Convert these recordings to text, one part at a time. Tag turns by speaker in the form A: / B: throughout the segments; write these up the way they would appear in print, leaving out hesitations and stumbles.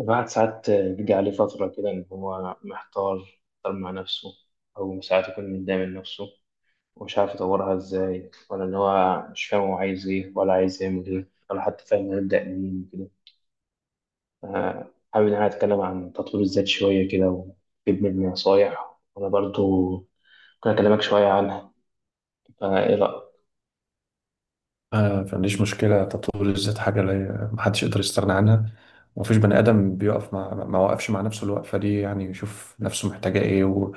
A: الواحد ساعات بيجي عليه فترة كده إن هو محتار. مع نفسه، أو ساعات يكون متضايق من نفسه ومش عارف يطورها إزاي، ولا إن هو مش فاهم هو عايز إيه، ولا عايز يعمل إيه، ولا حتى فاهم هيبدأ منين كده. حابب إن أنا أتكلم عن تطوير الذات شوية كده وأجيب مني نصايح، وأنا برضو ممكن أكلمك شوية عنها. فإيه رأيك؟
B: ما عنديش مشكلة. تطوير الذات حاجة لا محدش يقدر يستغنى عنها، ومفيش بني آدم بيقف مع ما وقفش مع نفسه الوقفة دي، يعني يشوف نفسه محتاجة إيه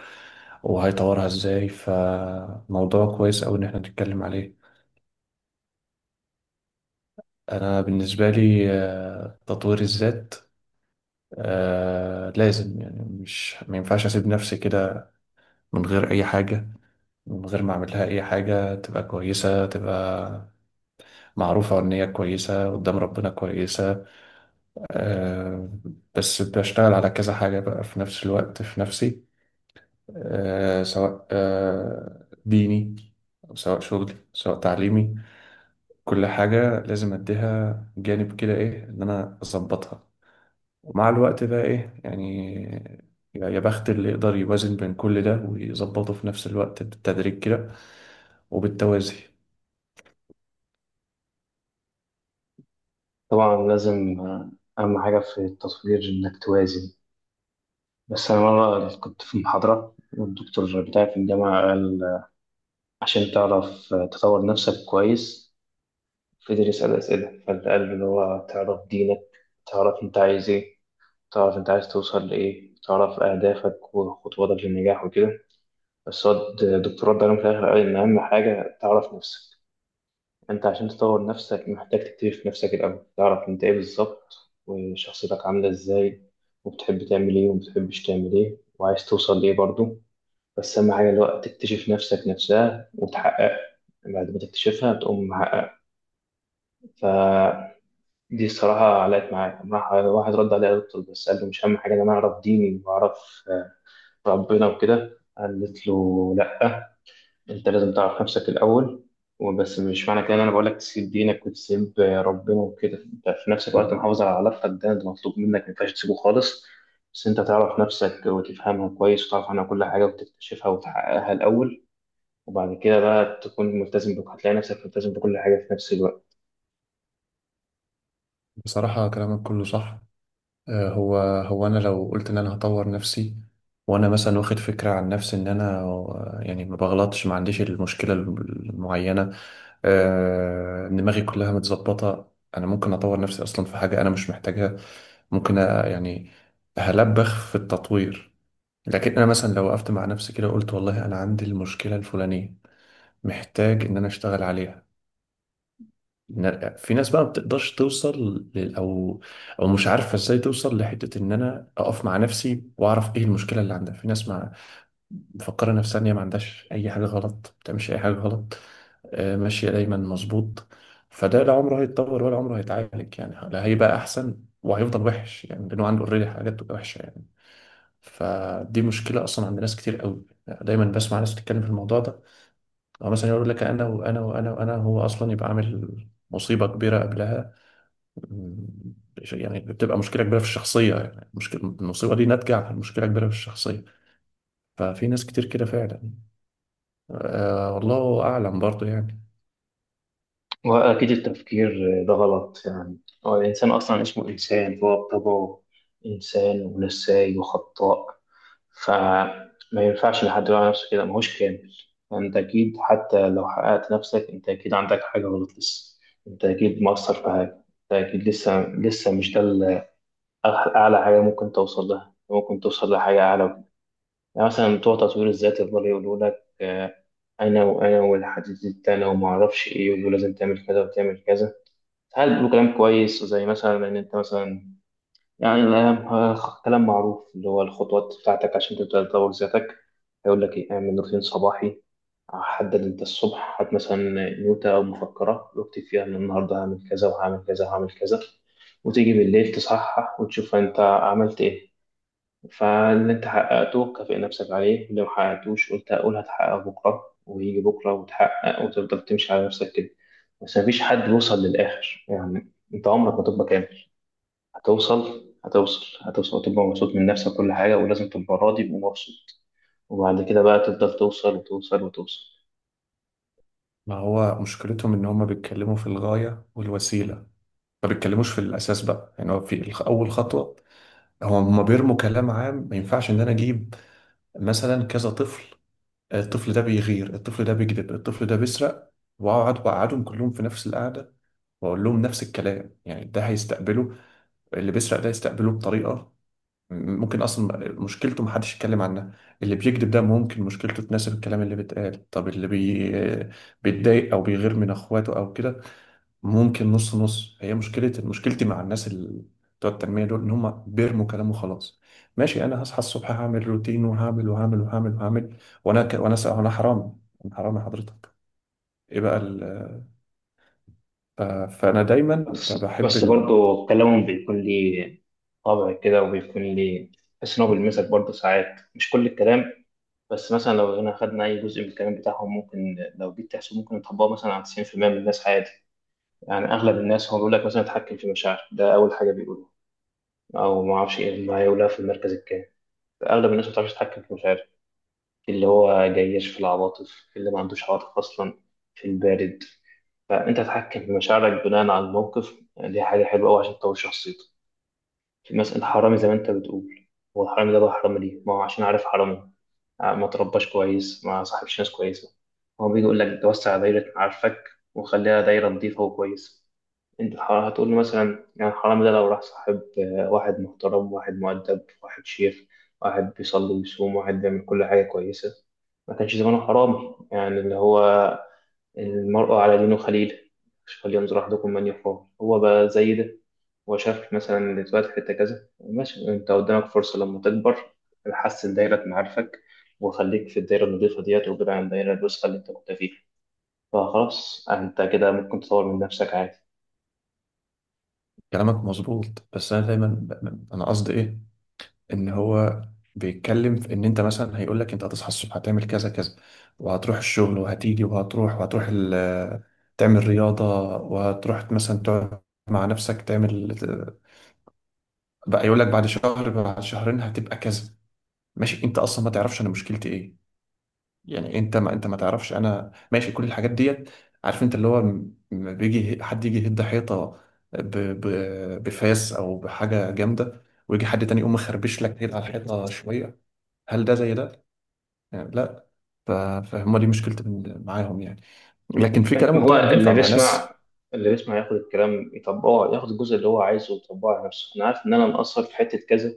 B: وهيطورها إزاي. فموضوع كويس أوي إن إحنا نتكلم عليه. أنا بالنسبة لي تطوير الذات لازم، يعني مش ما ينفعش أسيب نفسي كده من غير أي حاجة، من غير ما أعمل لها أي حاجة تبقى كويسة، تبقى معروفة إن هي كويسة قدام ربنا كويسة. آه، بس بشتغل على كذا حاجة بقى في نفس الوقت في نفسي. سواء ديني أو سواء شغلي سواء تعليمي. كل حاجة لازم أديها جانب كده، إيه، إن أنا أظبطها. ومع الوقت بقى، إيه يعني، يا بخت اللي يقدر يوازن بين كل ده ويظبطه في نفس الوقت بالتدريج كده وبالتوازي.
A: طبعا لازم، أهم حاجة في التطوير إنك توازن. بس أنا مرة كنت في محاضرة والدكتور بتاعي في الجامعة قال عشان تعرف تطور نفسك كويس، فضل يسأل أسئلة فأنت، قال اللي هو تعرف دينك، تعرف أنت عايز إيه، تعرف أنت عايز توصل لإيه، تعرف أهدافك وخطواتك للنجاح وكده. بس هو الدكتوراه ده في الآخر قال إن أهم حاجة تعرف نفسك. أنت عشان تطور نفسك محتاج تكتشف نفسك الأول، تعرف أنت إيه بالظبط وشخصيتك عاملة إزاي، وبتحب تعمل إيه ومبتحبش تعمل إيه، وعايز توصل لإيه برضه. بس أهم حاجة الوقت تكتشف نفسك نفسها وتحقق، بعد ما تكتشفها بتقوم محقق. فدي الصراحة علقت معايا، راح واحد رد عليا دكتور بس قال له، مش أهم حاجة إن أنا أعرف ديني وأعرف ربنا وكده؟ قالت له لأ، أنت لازم تعرف نفسك الأول. وبس مش معنى كده إن أنا بقول لك تسيب دينك وتسيب ربنا وكده، أنت في نفس الوقت محافظ على علاقتك، ده مطلوب منك مينفعش تسيبه خالص. بس أنت تعرف نفسك وتفهمها كويس وتعرف عنها كل حاجة وتكتشفها وتحققها الأول، وبعد كده بقى تكون ملتزم بك، هتلاقي نفسك ملتزم بكل حاجة في نفس الوقت.
B: بصراحة كلامك كله صح. هو انا لو قلت ان انا هطور نفسي وانا مثلا واخد فكره عن نفسي ان انا، يعني ما بغلطش، ما عنديش المشكله المعينه، دماغي كلها متظبطه، انا ممكن اطور نفسي اصلا في حاجه انا مش محتاجها. يعني هلبخ في التطوير. لكن انا مثلا لو وقفت مع نفسي كده وقلت والله انا عندي المشكله الفلانيه، محتاج ان انا اشتغل عليها. نرجع، في ناس بقى ما بتقدرش توصل لل- او او مش عارفه ازاي توصل لحته ان انا اقف مع نفسي واعرف ايه المشكله اللي عندها. في ناس ما مفكره نفسها ان هي ما عندهاش اي حاجه غلط، ما بتعملش اي حاجه غلط، ماشيه دايما مظبوط. فده لا عمره هيتطور ولا عمره هيتعالج، يعني لا هيبقى احسن وهيفضل وحش يعني، لانه عنده اوريدي حاجات وحشه يعني. فدي مشكله اصلا عند ناس كتير قوي، دايما بسمع ناس بتتكلم في الموضوع ده. او مثلا يقول لك انا وانا وانا وانا، هو اصلا يبقى عامل مصيبه كبيره قبلها. مم. يعني بتبقى مشكله كبيره في الشخصيه، يعني مشكله المصيبه دي ناتجه عن مشكله كبيره في الشخصيه. ففي ناس كتير كده فعلا. آه والله اعلم برضه يعني.
A: وأكيد التفكير ده غلط يعني. هو الإنسان أصلا اسمه إنسان، هو بطبعه إنسان ونساي وخطاء. فما ينفعش لحد يقول على نفسه كده ماهوش كامل. فأنت أكيد حتى لو حققت نفسك، أنت أكيد عندك حاجة غلط لسه، أنت أكيد مقصر في حاجة، أنت أكيد لسه لسه مش ده ال- أعلى حاجة ممكن توصل لها، ممكن توصل لحاجة أعلى. يعني مثلا بتوع تطوير الذات يفضلوا يقولوا لك، أنا وأنا والحديد التاني وما أعرفش إيه ولازم تعمل كذا وتعمل كذا. ساعات بيقولوا كلام كويس زي مثلا إن أنت مثلا يعني، كلام معروف اللي هو الخطوات بتاعتك عشان تبدأ تطور ذاتك. هيقول لك إيه، اعمل روتين صباحي، حدد أنت الصبح، هات مثلا نوتة أو مفكرة واكتب فيها إن النهاردة هعمل كذا وهعمل كذا وهعمل كذا، وتيجي بالليل تصحح وتشوف أنت عملت إيه. فاللي انت حققته كافئ نفسك عليه، واللي ما حققتوش قلت هقول هتحقق بكرة، ويجي بكرة وتحقق، وتفضل تمشي على نفسك كده. بس مفيش حد بيوصل للآخر يعني، انت عمرك ما تبقى كامل. هتوصل هتوصل هتوصل وتبقى مبسوط من نفسك كل حاجة، ولازم تبقى راضي ومبسوط. وبعد كده بقى تفضل توصل وتوصل وتوصل.
B: ما هو مشكلتهم ان هم بيتكلموا في الغايه والوسيله، ما بيتكلموش في الاساس بقى، يعني هو اول خطوه. هم بيرموا كلام عام. ما ينفعش ان انا اجيب مثلا كذا طفل، الطفل ده بيغير الطفل ده بيكذب الطفل ده بيسرق، واقعد بقعدهم كلهم في نفس القعده واقول لهم نفس الكلام. يعني ده هيستقبله اللي بيسرق ده يستقبله بطريقه، ممكن اصلا مشكلته محدش يتكلم عنها. اللي بيكذب ده ممكن مشكلته تناسب الكلام اللي بيتقال. طب بيتضايق او بيغير من اخواته او كده، ممكن نص نص. هي مشكلتي مع الناس اللي بتوع التنمية دول إن هم بيرموا كلام وخلاص. ماشي، أنا هصحى الصبح هعمل روتين وهعمل وهعمل وهعمل وهعمل، وأنا ك... وأنا س... أنا حرام، أنا حرام يا حضرتك. إيه بقى فأنا دايما
A: بس
B: بحب
A: بس برضه كلامهم بيكون ليه طابع كده، وبيكون ليه، تحس إن هو بيلمسك برضه ساعات، مش كل الكلام. بس مثلا لو هنا خدنا أي جزء من الكلام بتاعهم ممكن، لو جيت تحسب ممكن نطبقه مثلا على 90% من الناس عادي. يعني أغلب الناس هو بيقول لك مثلا اتحكم في مشاعرك، ده أول حاجة بيقولوها، أو ما أعرفش إيه ما يقولها في المركز الكام. أغلب الناس ما بتعرفش تتحكم في مشاعرها، اللي هو جيش في العواطف اللي ما عندوش عواطف أصلا، في البارد. فأنت تتحكم في مشاعرك بناء على الموقف، دي حاجة حلوة أوي عشان تطور شخصيتك. في مثلا الحرامي زي ما أنت بتقول، هو الحرامي ده بقى حرامي ليه؟ ما هو عشان عارف حرامي، ما ترباش كويس، ما صاحبش ناس كويسة. هو بيجي يقول لك توسع دايرة معارفك، وخليها دايرة نظيفة وكويسة. انت هتقول لي مثلا، يعني الحرامي ده لو راح صاحب واحد محترم، واحد مؤدب، واحد شيخ، واحد بيصلي ويصوم، واحد بيعمل كل حاجة كويسة، ما كانش زمانه حرامي، يعني اللي هو المرء على دينه خليل، فلينظر أحدكم من يخاف. هو بقى زي ده، وشاف مثلا اللي اتولد في حتة كذا، ماشي انت قدامك فرصة لما تكبر، حسن دايرة معارفك، وخليك في الدايرة النضيفة ديت، وابعد عن الدايرة الوسخة اللي انت كنت فيها، فخلاص انت كده ممكن تطور من نفسك عادي.
B: كلامك مظبوط. بس أنا دايما ب... أنا قصدي إيه، ان هو بيتكلم في ان انت مثلا، هيقول لك انت هتصحى الصبح هتعمل كذا كذا وهتروح الشغل وهتيجي وهتروح وهتروح تعمل رياضة، وهتروح مثلا تقعد مع نفسك تعمل. بقى يقول لك بعد شهر بعد شهرين هتبقى كذا. ماشي، انت اصلا ما تعرفش انا مشكلتي ايه، يعني انت ما تعرفش انا ماشي كل الحاجات ديت. عارف انت اللي هو، لما بيجي حد يجي يهد حيطة ب... ب... بفاس او بحاجة جامدة، ويجي حد تاني يقوم مخربش لك كده على الحيطة شوية، هل ده زي ده؟ يعني لا. ف- فهم دي مشكلتي معاهم يعني. لكن في كلامهم
A: هو
B: طبعا بينفع
A: اللي
B: مع ناس.
A: بيسمع، اللي بيسمع ياخد الكلام يطبقه، ياخد الجزء اللي هو عايزه ويطبقه على نفسه. انا عارف ان انا مقصر في حتة كذا،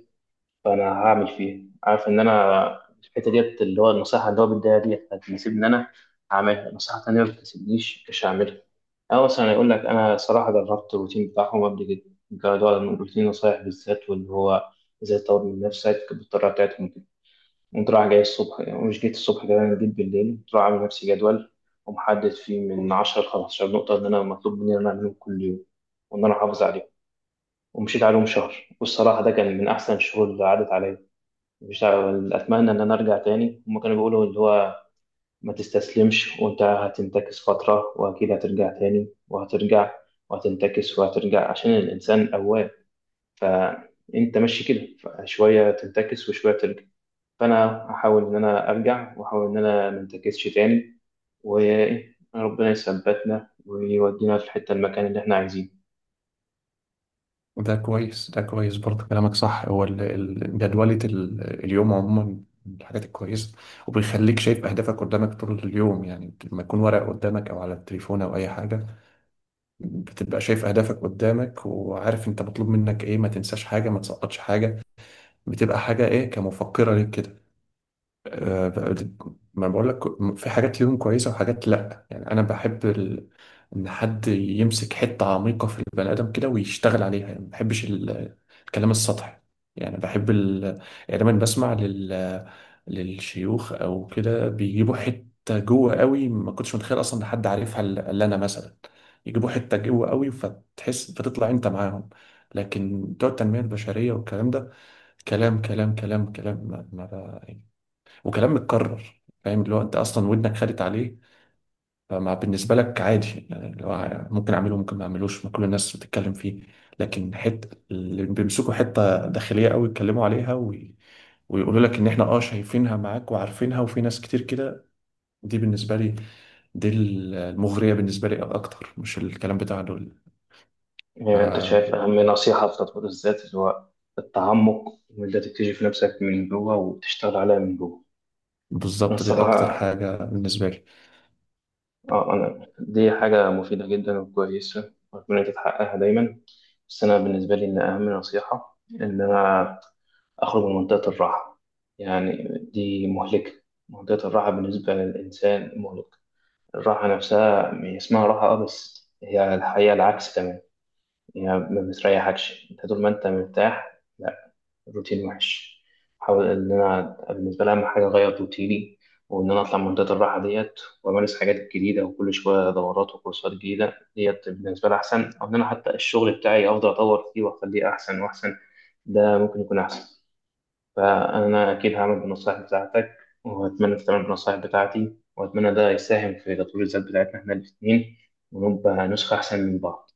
A: فانا هعمل فيها. عارف ان انا الحته ديت اللي هو النصيحه اللي هو بيديها ديت هتناسبني، ان انا هعملها. نصيحه تانيه ما بتناسبنيش مش هعملها. او مثلا يقول لك، انا صراحه جربت الروتين بتاعهم قبل كده، جربوا الروتين نصايح بالذات واللي هو ازاي تطور من نفسك بالطريقه بتاعتهم كده. قمت رايح جاي الصبح، يعني مش جيت الصبح كمان جيت بالليل، قمت رايح عامل لنفسي جدول ومحدد فيه من 10 ل 15 نقطه ان انا مطلوب مني ان انا اعملهم كل يوم وان انا احافظ عليهم. ومشيت عليهم شهر، والصراحه ده كان من احسن الشهور اللي عدت عليا. مش ع- اتمنى ان انا ارجع تاني. هما كانوا بيقولوا اللي هو ما تستسلمش، وانت هتنتكس فتره واكيد هترجع تاني، وهترجع وهتنتكس وهترجع، عشان الانسان اواب. فانت ماشي كده، شويه تنتكس وشويه ترجع. فانا هحاول ان انا ارجع واحاول ان انا ما انتكسش تاني، وربنا يثبتنا ويودينا في الحته المكان اللي احنا عايزينه.
B: ده كويس، ده كويس، برضه كلامك صح. هو جدولة اليوم عموما من الحاجات الكويسة، وبيخليك شايف أهدافك قدامك طول اليوم. يعني لما يكون ورق قدامك أو على التليفون أو أي حاجة، بتبقى شايف أهدافك قدامك وعارف أنت مطلوب منك إيه، ما تنساش حاجة ما تسقطش حاجة، بتبقى حاجة إيه، كمفكرة ليك كده. آه، ما بقول لك، في حاجات ليهم كويسة وحاجات لأ. يعني أنا بحب إن حد يمسك حتة عميقة في البني آدم كده ويشتغل عليها. يعني ما بحبش الكلام السطحي. يعني بحب يعني لما بسمع للشيوخ أو كده، بيجيبوا حتة جوه قوي ما كنتش متخيل أصلا إن حد عارفها إلا أنا مثلا، يجيبوا حتة جوه قوي فتحس فتطلع أنت معاهم. لكن بتوع التنمية البشرية والكلام ده، كلام كلام كلام كلام، ما بقى. وكلام متكرر، فاهم، اللي هو انت اصلا ودنك خدت عليه، فما بالنسبه لك عادي، يعني اللي هو ممكن اعمله ممكن ما اعملوش، ما كل الناس بتتكلم فيه. لكن حته اللي بيمسكوا حته داخليه قوي يتكلموا عليها ويقولوا لك ان احنا اه شايفينها معاك وعارفينها وفي ناس كتير كده، دي بالنسبه لي، دي المغريه بالنسبه لي اكتر، مش الكلام بتاع دول.
A: إيه، انت شايف
B: ف-
A: اهم نصيحه في تطوير الذات اللي هو التعمق، وان انت تكتشف نفسك من جوه وتشتغل عليها من جوه.
B: بالظبط دي اكتر
A: الصراحة
B: حاجه بالنسبه لي.
A: اه، انا دي حاجة مفيدة جدا وكويسة واتمنى تتحققها دايما. بس انا بالنسبة لي ان اهم نصيحة ان انا اخرج من منطقة الراحة. يعني دي مهلكة، منطقة الراحة بالنسبة للانسان مهلكة. الراحة نفسها هي اسمها راحة اه، بس هي الحقيقة العكس تماما، هي ما بتريحكش. انت طول ما انت مرتاح روتين وحش. احاول ان انا بالنسبه لي اهم حاجه اغير روتيني، وان انا اطلع من منطقه الراحه ديت، وامارس حاجات جديده وكل شويه دورات وكورسات جديده، ديت بالنسبه لي احسن. او ان انا حتى الشغل بتاعي افضل اطور فيه واخليه احسن واحسن، ده ممكن يكون احسن. فانا اكيد هعمل بالنصائح بتاعتك، واتمنى تتعمل بالنصائح بتاعتي، واتمنى ده يساهم في تطوير الذات بتاعتنا احنا الاثنين، ونبقى نسخه احسن من بعض.